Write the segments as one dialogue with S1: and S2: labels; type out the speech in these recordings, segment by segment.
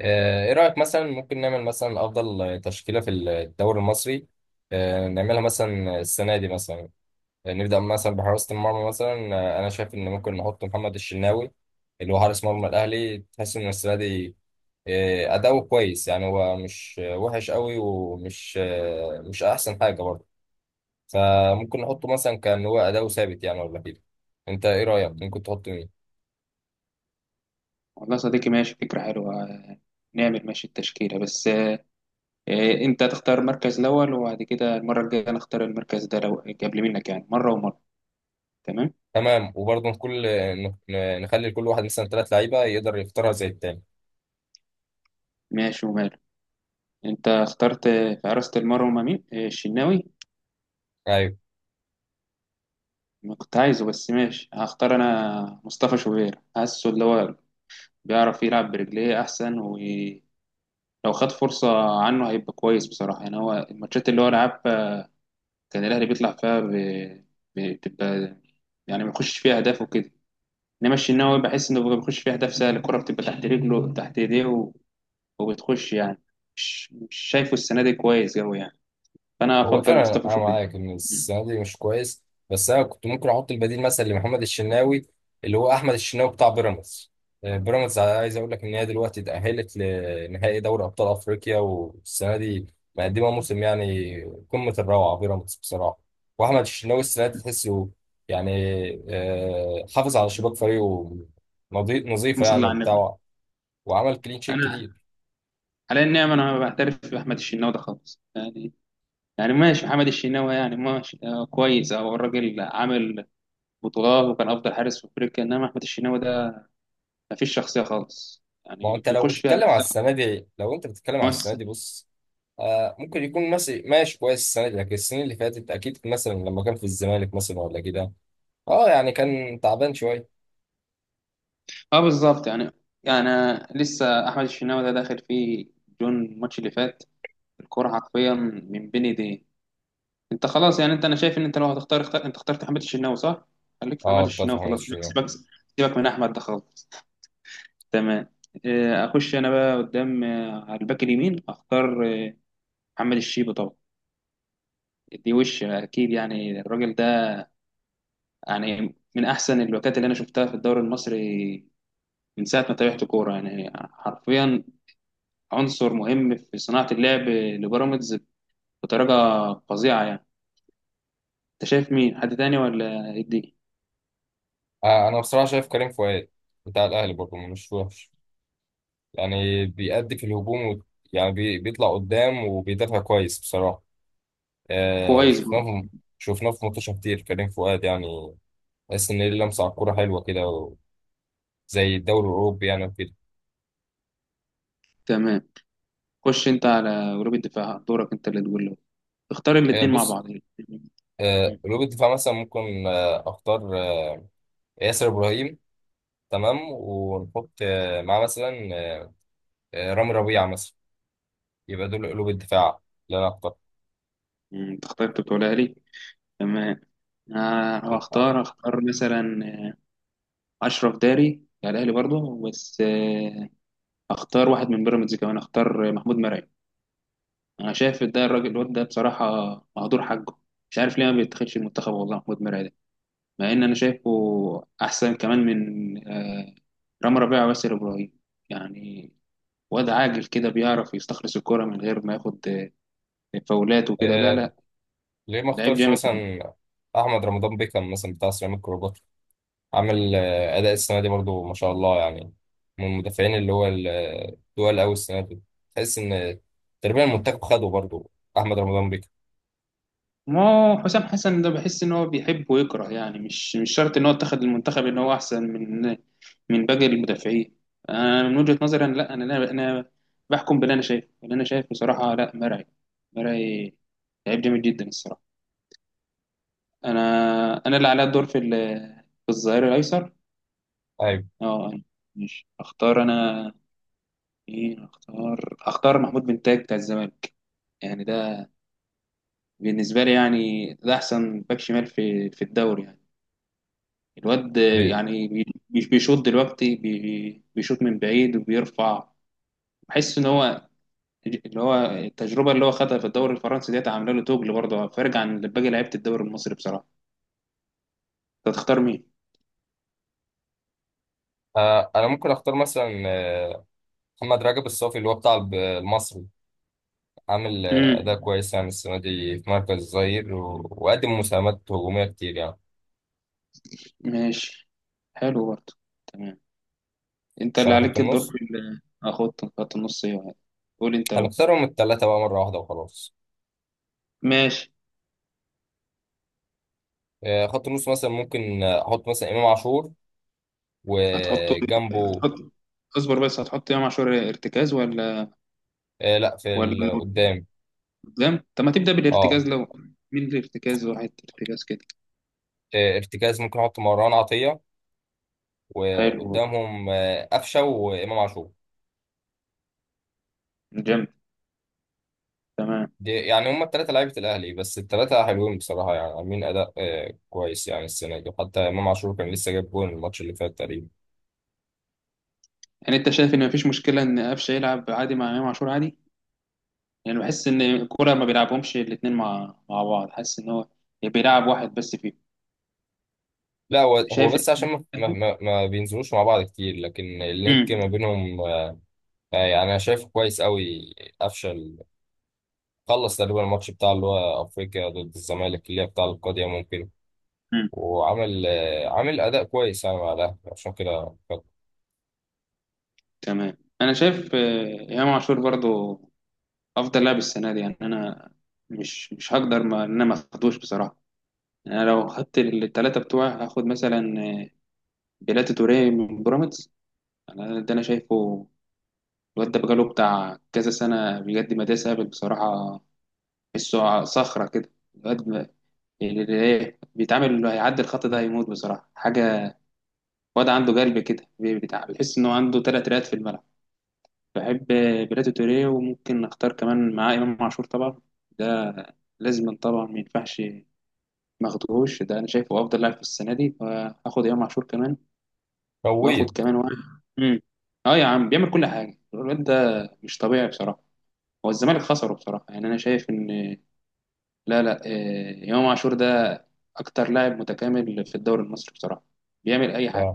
S1: ايه رأيك مثلا ممكن نعمل مثلا افضل تشكيلة في الدوري المصري؟ نعملها مثلا السنة دي مثلا. نبدأ مثلا بحراسة المرمى مثلا. انا شايف ان ممكن نحط محمد الشناوي، اللي هو حارس مرمى الاهلي. تحس ان السنة دي اداؤه كويس، يعني هو مش وحش قوي، ومش آه، مش احسن حاجة برضه. فممكن نحطه، مثلا كان هو اداؤه ثابت يعني ولا كده؟ انت ايه رأيك؟ ممكن تحط مين؟
S2: والله صديقي ماشي فكرة حلوة نعمل ماشي التشكيلة بس أنت تختار المركز الأول وبعد كده المرة الجاية نختار المركز ده لو قبل منك يعني مرة ومرة. تمام.
S1: تمام، وبرضه كل نخلي لكل واحد مثلا ثلاث لعيبة يقدر يختارها زي التاني.
S2: ماشي وماله. أنت اخترت في حراسة المرمى مين؟ الشناوي.
S1: ايوه.
S2: ما كنت عايزه بس ماشي، هختار أنا مصطفى شوبير، حاسه اللي هو بيعرف يلعب برجليه أحسن، ولو خد فرصة عنه هيبقى كويس بصراحة يعني. هو الماتشات اللي هو لعبها كان الأهلي بيطلع فيها بتبقى يعني ما يخش فيها أهداف وكده. انما الشناوي بحس انه بيخش فيها اهداف سهله، الكره بتبقى تحت رجله تحت ايديه وبتخش يعني. مش شايفه السنه دي كويس قوي يعني، فانا
S1: هو
S2: افضل
S1: فعلا
S2: مصطفى
S1: انا
S2: شوبير.
S1: معاك ان
S2: مم.
S1: السنه دي مش كويس. بس انا كنت ممكن احط البديل مثلا لمحمد الشناوي، اللي هو احمد الشناوي بتاع بيراميدز. بيراميدز، عايز اقول لك ان هي دلوقتي اتاهلت لنهائي دوري ابطال افريقيا، والسنه دي مقدمه موسم يعني. قمه الروعه بيراميدز بصراحه. واحمد الشناوي السنه دي تحسه يعني حافظ على شباك فريقه،
S2: اللهم
S1: نظيفه
S2: صل
S1: يعني
S2: على النبي.
S1: وبتاع، وعمل كلين شيت
S2: انا
S1: كتير.
S2: على النعم، انا ما بعترف باحمد الشناوي ده خالص يعني. يعني ماشي محمد الشناوي يعني ماشي كويس، او الراجل عامل بطولات وكان افضل حارس في افريقيا، انما احمد الشناوي ده ما فيش شخصيه خالص
S1: ما هو
S2: يعني،
S1: انت لو
S2: بيخش فيها
S1: بتتكلم
S2: اهداف
S1: على
S2: سهله.
S1: السنه دي، لو انت بتتكلم على السنه
S2: ممثل.
S1: دي بص، ممكن يكون ماشي ماشي كويس السنه دي، لكن السنين اللي فاتت اكيد مثلا لما كان في الزمالك مثلا ولا كده. اه، يعني كان تعبان شويه.
S2: اه بالظبط يعني لسه احمد الشناوي ده داخل فيه جون الماتش اللي فات، الكرة حرفيا من بين ايديه. انت خلاص يعني، انت انا شايف ان انت لو هتختار اختار، انت اخترت حماد الشناوي صح؟ خليك في حماد
S1: اه، بتاع
S2: الشناوي
S1: محمد
S2: خلاص، سيبك
S1: الشناوي.
S2: سيبك سيبك من احمد ده خالص. تمام. اخش انا بقى قدام، على الباك اليمين اختار محمد الشيبي طبعا. دي وش اكيد يعني، الراجل ده يعني من احسن الباكات اللي انا شفتها في الدوري المصري من ساعه ما تابعت كوره، يعني حرفيا عنصر مهم في صناعه اللعب لبيراميدز بطريقه فظيعه يعني. انت شايف مين؟ حد تاني ولا إيه الدنيا؟
S1: انا بصراحه شايف كريم فؤاد بتاع الاهلي برضه، مش وحش يعني. بيأدي في الهجوم، و... يعني بيطلع قدام وبيدافع كويس بصراحه. آه
S2: كويس.
S1: شفناه في... شفناه في ماتشات كتير، كريم فؤاد يعني تحس ان ليه لمسه على الكوره حلوه كده، و... زي الدوري الاوروبي يعني وكده.
S2: تمام. خش انت على جروب الدفاع، دورك انت اللي تقول له اختار الاثنين مع
S1: بص.
S2: بعض.
S1: قلوب الدفاع مثلا ممكن اختار ياسر ابراهيم. تمام، ونحط معاه مثلا رامي ربيعه مثلا. يبقى دول قلوب الدفاع اللي انا اخترت.
S2: مم. تختار انت بتقولها لي. تمام. آه هختار مثلا اشرف داري بتاع الاهلي برضه، بس هختار واحد من بيراميدز كمان، هختار محمود مرعي. انا شايف ده الراجل الواد ده بصراحه مهدور حقه، مش عارف ليه ما بيتخدش المنتخب والله. محمود مرعي ده، مع ان انا شايفه احسن كمان من رامي ربيعه وياسر ابراهيم يعني، واد عاجل كده، بيعرف يستخلص الكرة من غير ما ياخد فاولات وكده. لا
S1: آه،
S2: لا،
S1: ليه ما
S2: لعيب
S1: اختارش
S2: جامد.
S1: مثلا احمد رمضان بيكم مثلا بتاع سيراميكا كليوباترا؟ عامل اداء السنه دي برضو ما شاء الله يعني. من المدافعين اللي هو التقال قوي السنه دي. تحس ان تقريبا المنتخب خده برضو، احمد رمضان بيكم.
S2: ما هو حسام حسن ده بحس ان هو بيحب ويكره يعني، مش شرط ان هو اتخذ المنتخب ان هو احسن من باقي المدافعين. انا من وجهة نظري انا، لا انا انا أنا بحكم باللي انا شايفه، اللي انا شايف بصراحة، لا مرعي، مرعي لعيب جامد جدا الصراحة. انا انا اللي عليا الدور في الظهير الايسر.
S1: ايوه.
S2: اه أنا مش اختار انا مين، اختار محمود بن تاج بتاع الزمالك يعني. ده بالنسبة لي يعني ده أحسن باك شمال في الدوري يعني، الواد
S1: ب-
S2: يعني بيشوط دلوقتي، بيشوط من بعيد وبيرفع. بحس إن هو، اللي هو التجربة اللي هو خدها في الدوري الفرنسي ديت، عاملة له توجل برضه فارق عن باقي لعيبة الدوري المصري بصراحة. أنت تختار مين؟
S1: انا ممكن اختار مثلا محمد رجب الصافي، اللي هو بتاع المصري. عامل أداء
S2: امم
S1: كويس يعني السنة دي في مركز الظهير، وقدم مساهمات هجومية كتير يعني.
S2: ماشي. حلو برضه. تمام. أنت
S1: مش
S2: اللي
S1: على خط
S2: عليك الدور
S1: النص.
S2: في ال- آه، خط النص إيه؟ يعني؟ قول أنت لو
S1: هنختارهم التلاتة بقى مرة واحدة وخلاص.
S2: ماشي.
S1: خط النص مثلا ممكن أحط مثلا إمام عاشور
S2: هتحطه،
S1: وجنبه.
S2: هتحط، اصبر بس، هتحط إمام عاشور ارتكاز ولا؟
S1: لأ، في
S2: ولا
S1: قدام.
S2: جامد؟ طب ما تبدأ
S1: أه.
S2: بالارتكاز لو، من الارتكاز، وحيد ارتكاز كده.
S1: ارتكاز ممكن أحط مروان عطية،
S2: حلو.
S1: وقدامهم قفشة وإمام عاشور.
S2: جامد. تمام.
S1: دي يعني هما التلاتة لعيبة الأهلي، بس التلاتة حلوين بصراحة، يعني عاملين أداء كويس يعني السنة دي، حتى إمام عاشور كان لسه جايب جول الماتش اللي فات تقريبا.
S2: يعني انت شايف ان مفيش مشكلة ان قفشة يلعب عادي مع امام عاشور عادي؟ يعني بحس ان الكورة ما بيلعبهمش الاتنين مع بعض، حاسس ان هو بيلعب واحد بس فيه.
S1: لا، هو هو
S2: شايف
S1: بس عشان
S2: ان
S1: ما بينزلوش مع بعض كتير، لكن اللينك ما
S2: امم
S1: بينهم يعني انا شايفه كويس قوي. قفشه خلص تقريبا الماتش بتاع اللي هو افريقيا ضد الزمالك، اللي هي بتاع القضية ممكن.
S2: امم
S1: وعمل عامل اداء كويس يعني مع الاهلي، عشان كده.
S2: تمام. انا شايف امام عاشور برضو افضل لاعب السنة دي يعني، انا مش هقدر ما ان انا ما اخدوش بصراحة. يعني انا لو خدت الثلاثة بتوعي هاخد مثلا آه، بيلاتي توريه من بيراميدز. يعني انا ده انا شايفه الواد ده بقاله بتاع كذا سنه بجد، ما ده سابق بصراحه، تحسه صخره كده الواد اللي ايه بيتعامل، اللي هيعدي الخط ده هيموت بصراحه. حاجه، واد عنده قلب كده بتاع، بتحس انه عنده ثلاث رئات في الملعب. بحب بيراتو توريه، وممكن نختار كمان معاه امام عاشور طبعا، ده لازم طبعا، ما ينفعش ما اخدهوش، ده انا شايفه افضل لاعب في السنه دي، فاخد امام عاشور كمان، واخد
S1: فويت.
S2: كمان واحد. مم. اه يا عم، بيعمل كل حاجه الواد ده، مش طبيعي بصراحه. هو الزمالك خسره بصراحة يعني، أنا شايف إن، لا لا، إمام عاشور ده أكتر لاعب متكامل في الدوري المصري بصراحة، بيعمل أي حاجة.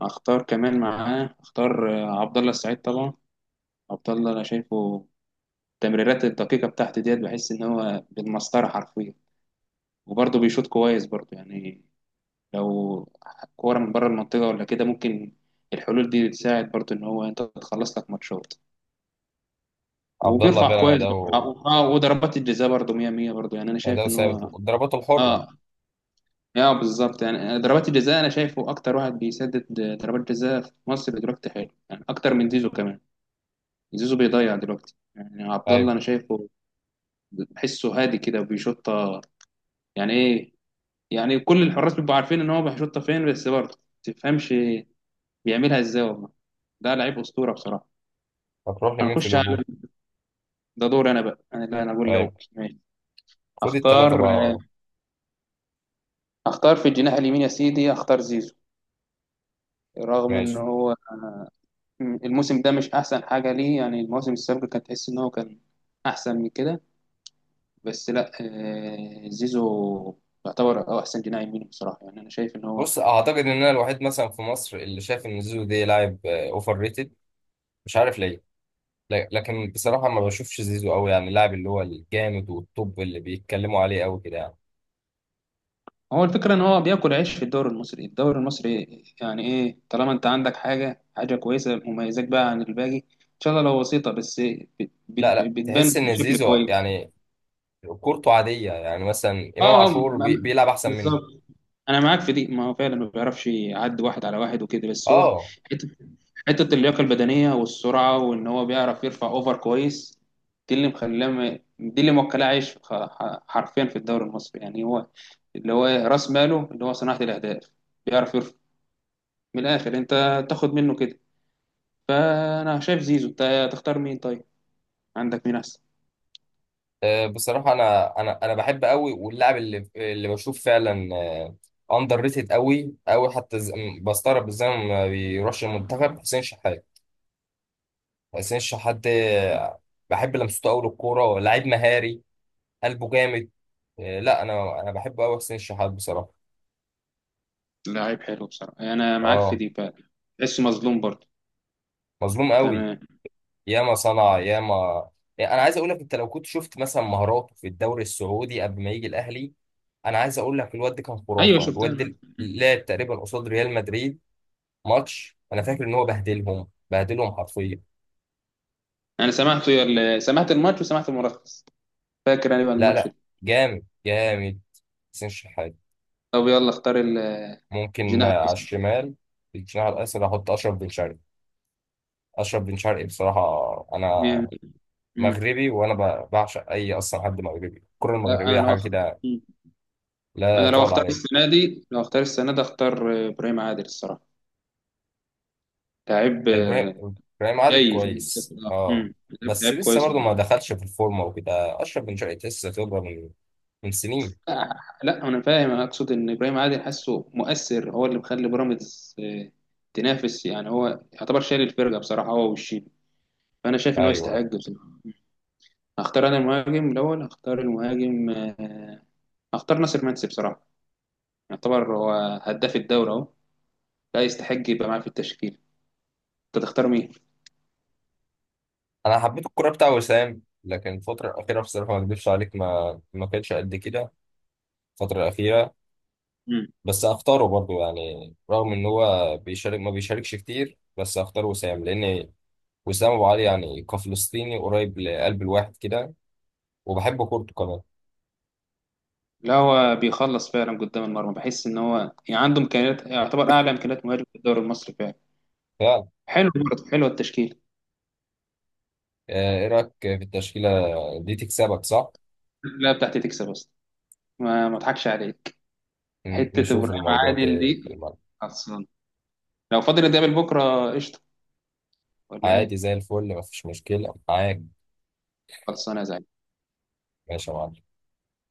S2: أختار كمان معاه، أختار عبد الله السعيد طبعا. عبد الله أنا شايفه التمريرات الدقيقة بتاعته ديت، بحس إن هو بالمسطرة حرفيا، وبرضه بيشوط كويس برضه يعني. لو كورة من بره المنطقة ولا كده ممكن الحلول دي تساعد برضه إن هو أنت تخلص لك ماتشات،
S1: عبد الله
S2: وبيرفع
S1: فعلا
S2: كويس
S1: اداؤه
S2: برضه. اه، وضربات الجزاء برضه 100 100 برضه يعني، انا شايف
S1: اداؤه
S2: ان
S1: ثابت،
S2: هو.
S1: ضرباته الحره.
S2: اه اه بالظبط يعني، ضربات الجزاء انا شايفه اكتر واحد بيسدد ضربات جزاء في مصر دلوقتي، حلو يعني اكتر من زيزو كمان. زيزو بيضيع دلوقتي يعني، عبد الله
S1: ايوه.
S2: انا شايفه بحسه هادي كده وبيشوطها، يعني ايه، يعني كل الحراس بيبقوا عارفين ان هو بيشوطها فين، بس برضه ما تفهمش بيعملها ازاي والله، ده لعيب اسطوره بصراحه.
S1: هتروح لمين في
S2: هنخش على،
S1: الهجوم؟
S2: ده دور انا بقى انا، لا انا اقول
S1: ايوه،
S2: لو ماشي.
S1: خد الثلاثه
S2: اختار
S1: بقى على بعضهم.
S2: اختار في الجناح اليمين يا سيدي، اختار زيزو. رغم ان
S1: ماشي.
S2: هو الموسم ده مش احسن حاجه ليه يعني، المواسم السابقه كانت تحس ان هو كان احسن من كده، بس لا زيزو يعتبر هو احسن جناح يمين بصراحه يعني، انا شايف ان هو،
S1: بص، اعتقد ان انا الوحيد مثلا في مصر اللي شايف ان زيزو ده لاعب اوفر ريتد. مش عارف ليه. لكن بصراحة ما بشوفش زيزو قوي، يعني اللاعب اللي هو الجامد والطب اللي بيتكلموا عليه قوي كده يعني.
S2: هو الفكره ان هو بياكل عيش في الدوري المصري، الدوري المصري يعني ايه، طالما انت عندك حاجه حاجه كويسه مميزاك بقى عن الباقي ان شاء الله، لو بسيطه بس
S1: لا لا،
S2: بتبان
S1: تحس ان
S2: بشكل
S1: زيزو
S2: كويس.
S1: يعني كورته عادية، يعني مثلا امام
S2: اه
S1: عاشور
S2: م-
S1: بيلعب احسن منه.
S2: بالظبط. انا معاك في دي، ما هو فعلا ما بيعرفش يعدي واحد على واحد وكده، بس هو
S1: اه.
S2: حته حته اللياقه البدنيه والسرعه وان هو بيعرف يرفع اوفر كويس، دي اللي مخلاه، دي اللي موكلاه عايش حرفيا في الدوري المصري يعني، هو اللي هو راس ماله اللي هو صناعه الاهداف، بيعرف يرفع. من الاخر انت تاخد منه كده، فانا شايف زيزو. انت تختار مين طيب؟ عندك مين احسن؟
S1: بصراحة انا بحب قوي، واللاعب اللي بشوف فعلا اندر ريتد قوي قوي، حتى بستغرب ازاي ما بيروحش المنتخب حسين شحات. حسين شحات ده بحب لمسته قوي للكورة، لاعب مهاري، قلبه جامد. لا، انا بحبه قوي حسين شحات بصراحة.
S2: لعيب حلو بصراحه، انا معاك في
S1: اه.
S2: دي فعلا. تحسه مظلوم برضه.
S1: مظلوم قوي.
S2: تمام.
S1: ياما صنع ياما. يعني انا عايز اقول لك، انت لو كنت شفت مثلا مهاراته في الدوري السعودي قبل ما يجي الاهلي، انا عايز اقول لك الواد ده كان
S2: ايوه
S1: خرافه. الواد
S2: شفتها.
S1: ده لعب تقريبا قصاد ريال مدريد ماتش، انا فاكر ان هو بهدلهم بهدلهم حرفيا.
S2: انا سمعته سمعت الماتش وسمعت الملخص، فاكر انا بقى
S1: لا
S2: الماتش
S1: لا،
S2: ده.
S1: جامد جامد حسين شحات.
S2: طب يلا اختار
S1: ممكن
S2: الجناح
S1: على
S2: الايسر.
S1: الشمال. في الجناح الايسر احط اشرف بن شرقي. اشرف بن شرقي بصراحه، انا
S2: مين؟ مم.
S1: مغربي، وانا بعشق اي اصلا حد مغربي، الكره
S2: لا
S1: المغربيه
S2: انا لو
S1: حاجه كده.
S2: مم.
S1: لا
S2: انا لو
S1: تقول
S2: اختار
S1: عليها.
S2: السنه دي لو اختار السنه دي اختار ابراهيم عادل الصراحه، لعيب
S1: ابراهيم، ابراهيم عادل
S2: جاي في
S1: كويس،
S2: المستقبل.
S1: اه.
S2: لعيب
S1: بس
S2: لعيب
S1: لسه
S2: كويس
S1: برضه ما دخلش في الفورمه وكده، اشرف بن شرقي لسه خبره من سنين.
S2: آه، لا انا فاهم، انا اقصد ان ابراهيم عادل حاسه مؤثر، هو اللي مخلي بيراميدز تنافس يعني، هو يعتبر شايل الفرقه بصراحه هو والشيبي، فانا شايف ان هو يستحق
S1: ايوه.
S2: بصراحه. هختار انا المهاجم الاول، هختار المهاجم هختار ناصر منسي بصراحه، يعتبر هو هداف الدوري اهو، لا يستحق يبقى معاه في التشكيل. انت تختار مين؟
S1: انا حبيت الكوره بتاع وسام، لكن الفتره الاخيره بصراحه ما اكذبش عليك، ما كانش قد كده الفتره الاخيره.
S2: مم.
S1: بس اختاره برضه، يعني رغم ان هو بيشارك ما بيشاركش كتير، بس اختار وسام لان وسام ابو علي يعني كفلسطيني قريب لقلب الواحد كده، وبحب كورته كمان.
S2: لا هو بيخلص فعلا قدام المرمى، بحس ان هو يعني عنده امكانيات، يعتبر اعلى امكانيات مهاجم في الدوري المصري فعلا.
S1: فعلا.
S2: حلو برضه، حلوه التشكيل.
S1: ايه رايك في التشكيله دي؟ تكسبك صح؟
S2: لا بتاعتي تكسب اصلا، ما اضحكش عليك. حته ابراهيم
S1: نشوف الموضوع ده
S2: عادل
S1: في
S2: دي
S1: الملعب.
S2: خلصان، لو فاضل نتقابل بكره قشطه ولا
S1: عادي
S2: ايه؟
S1: زي الفل، مفيش مشكلة معاك.
S2: خلصانه يا زعيم.
S1: ماشي يا معلم.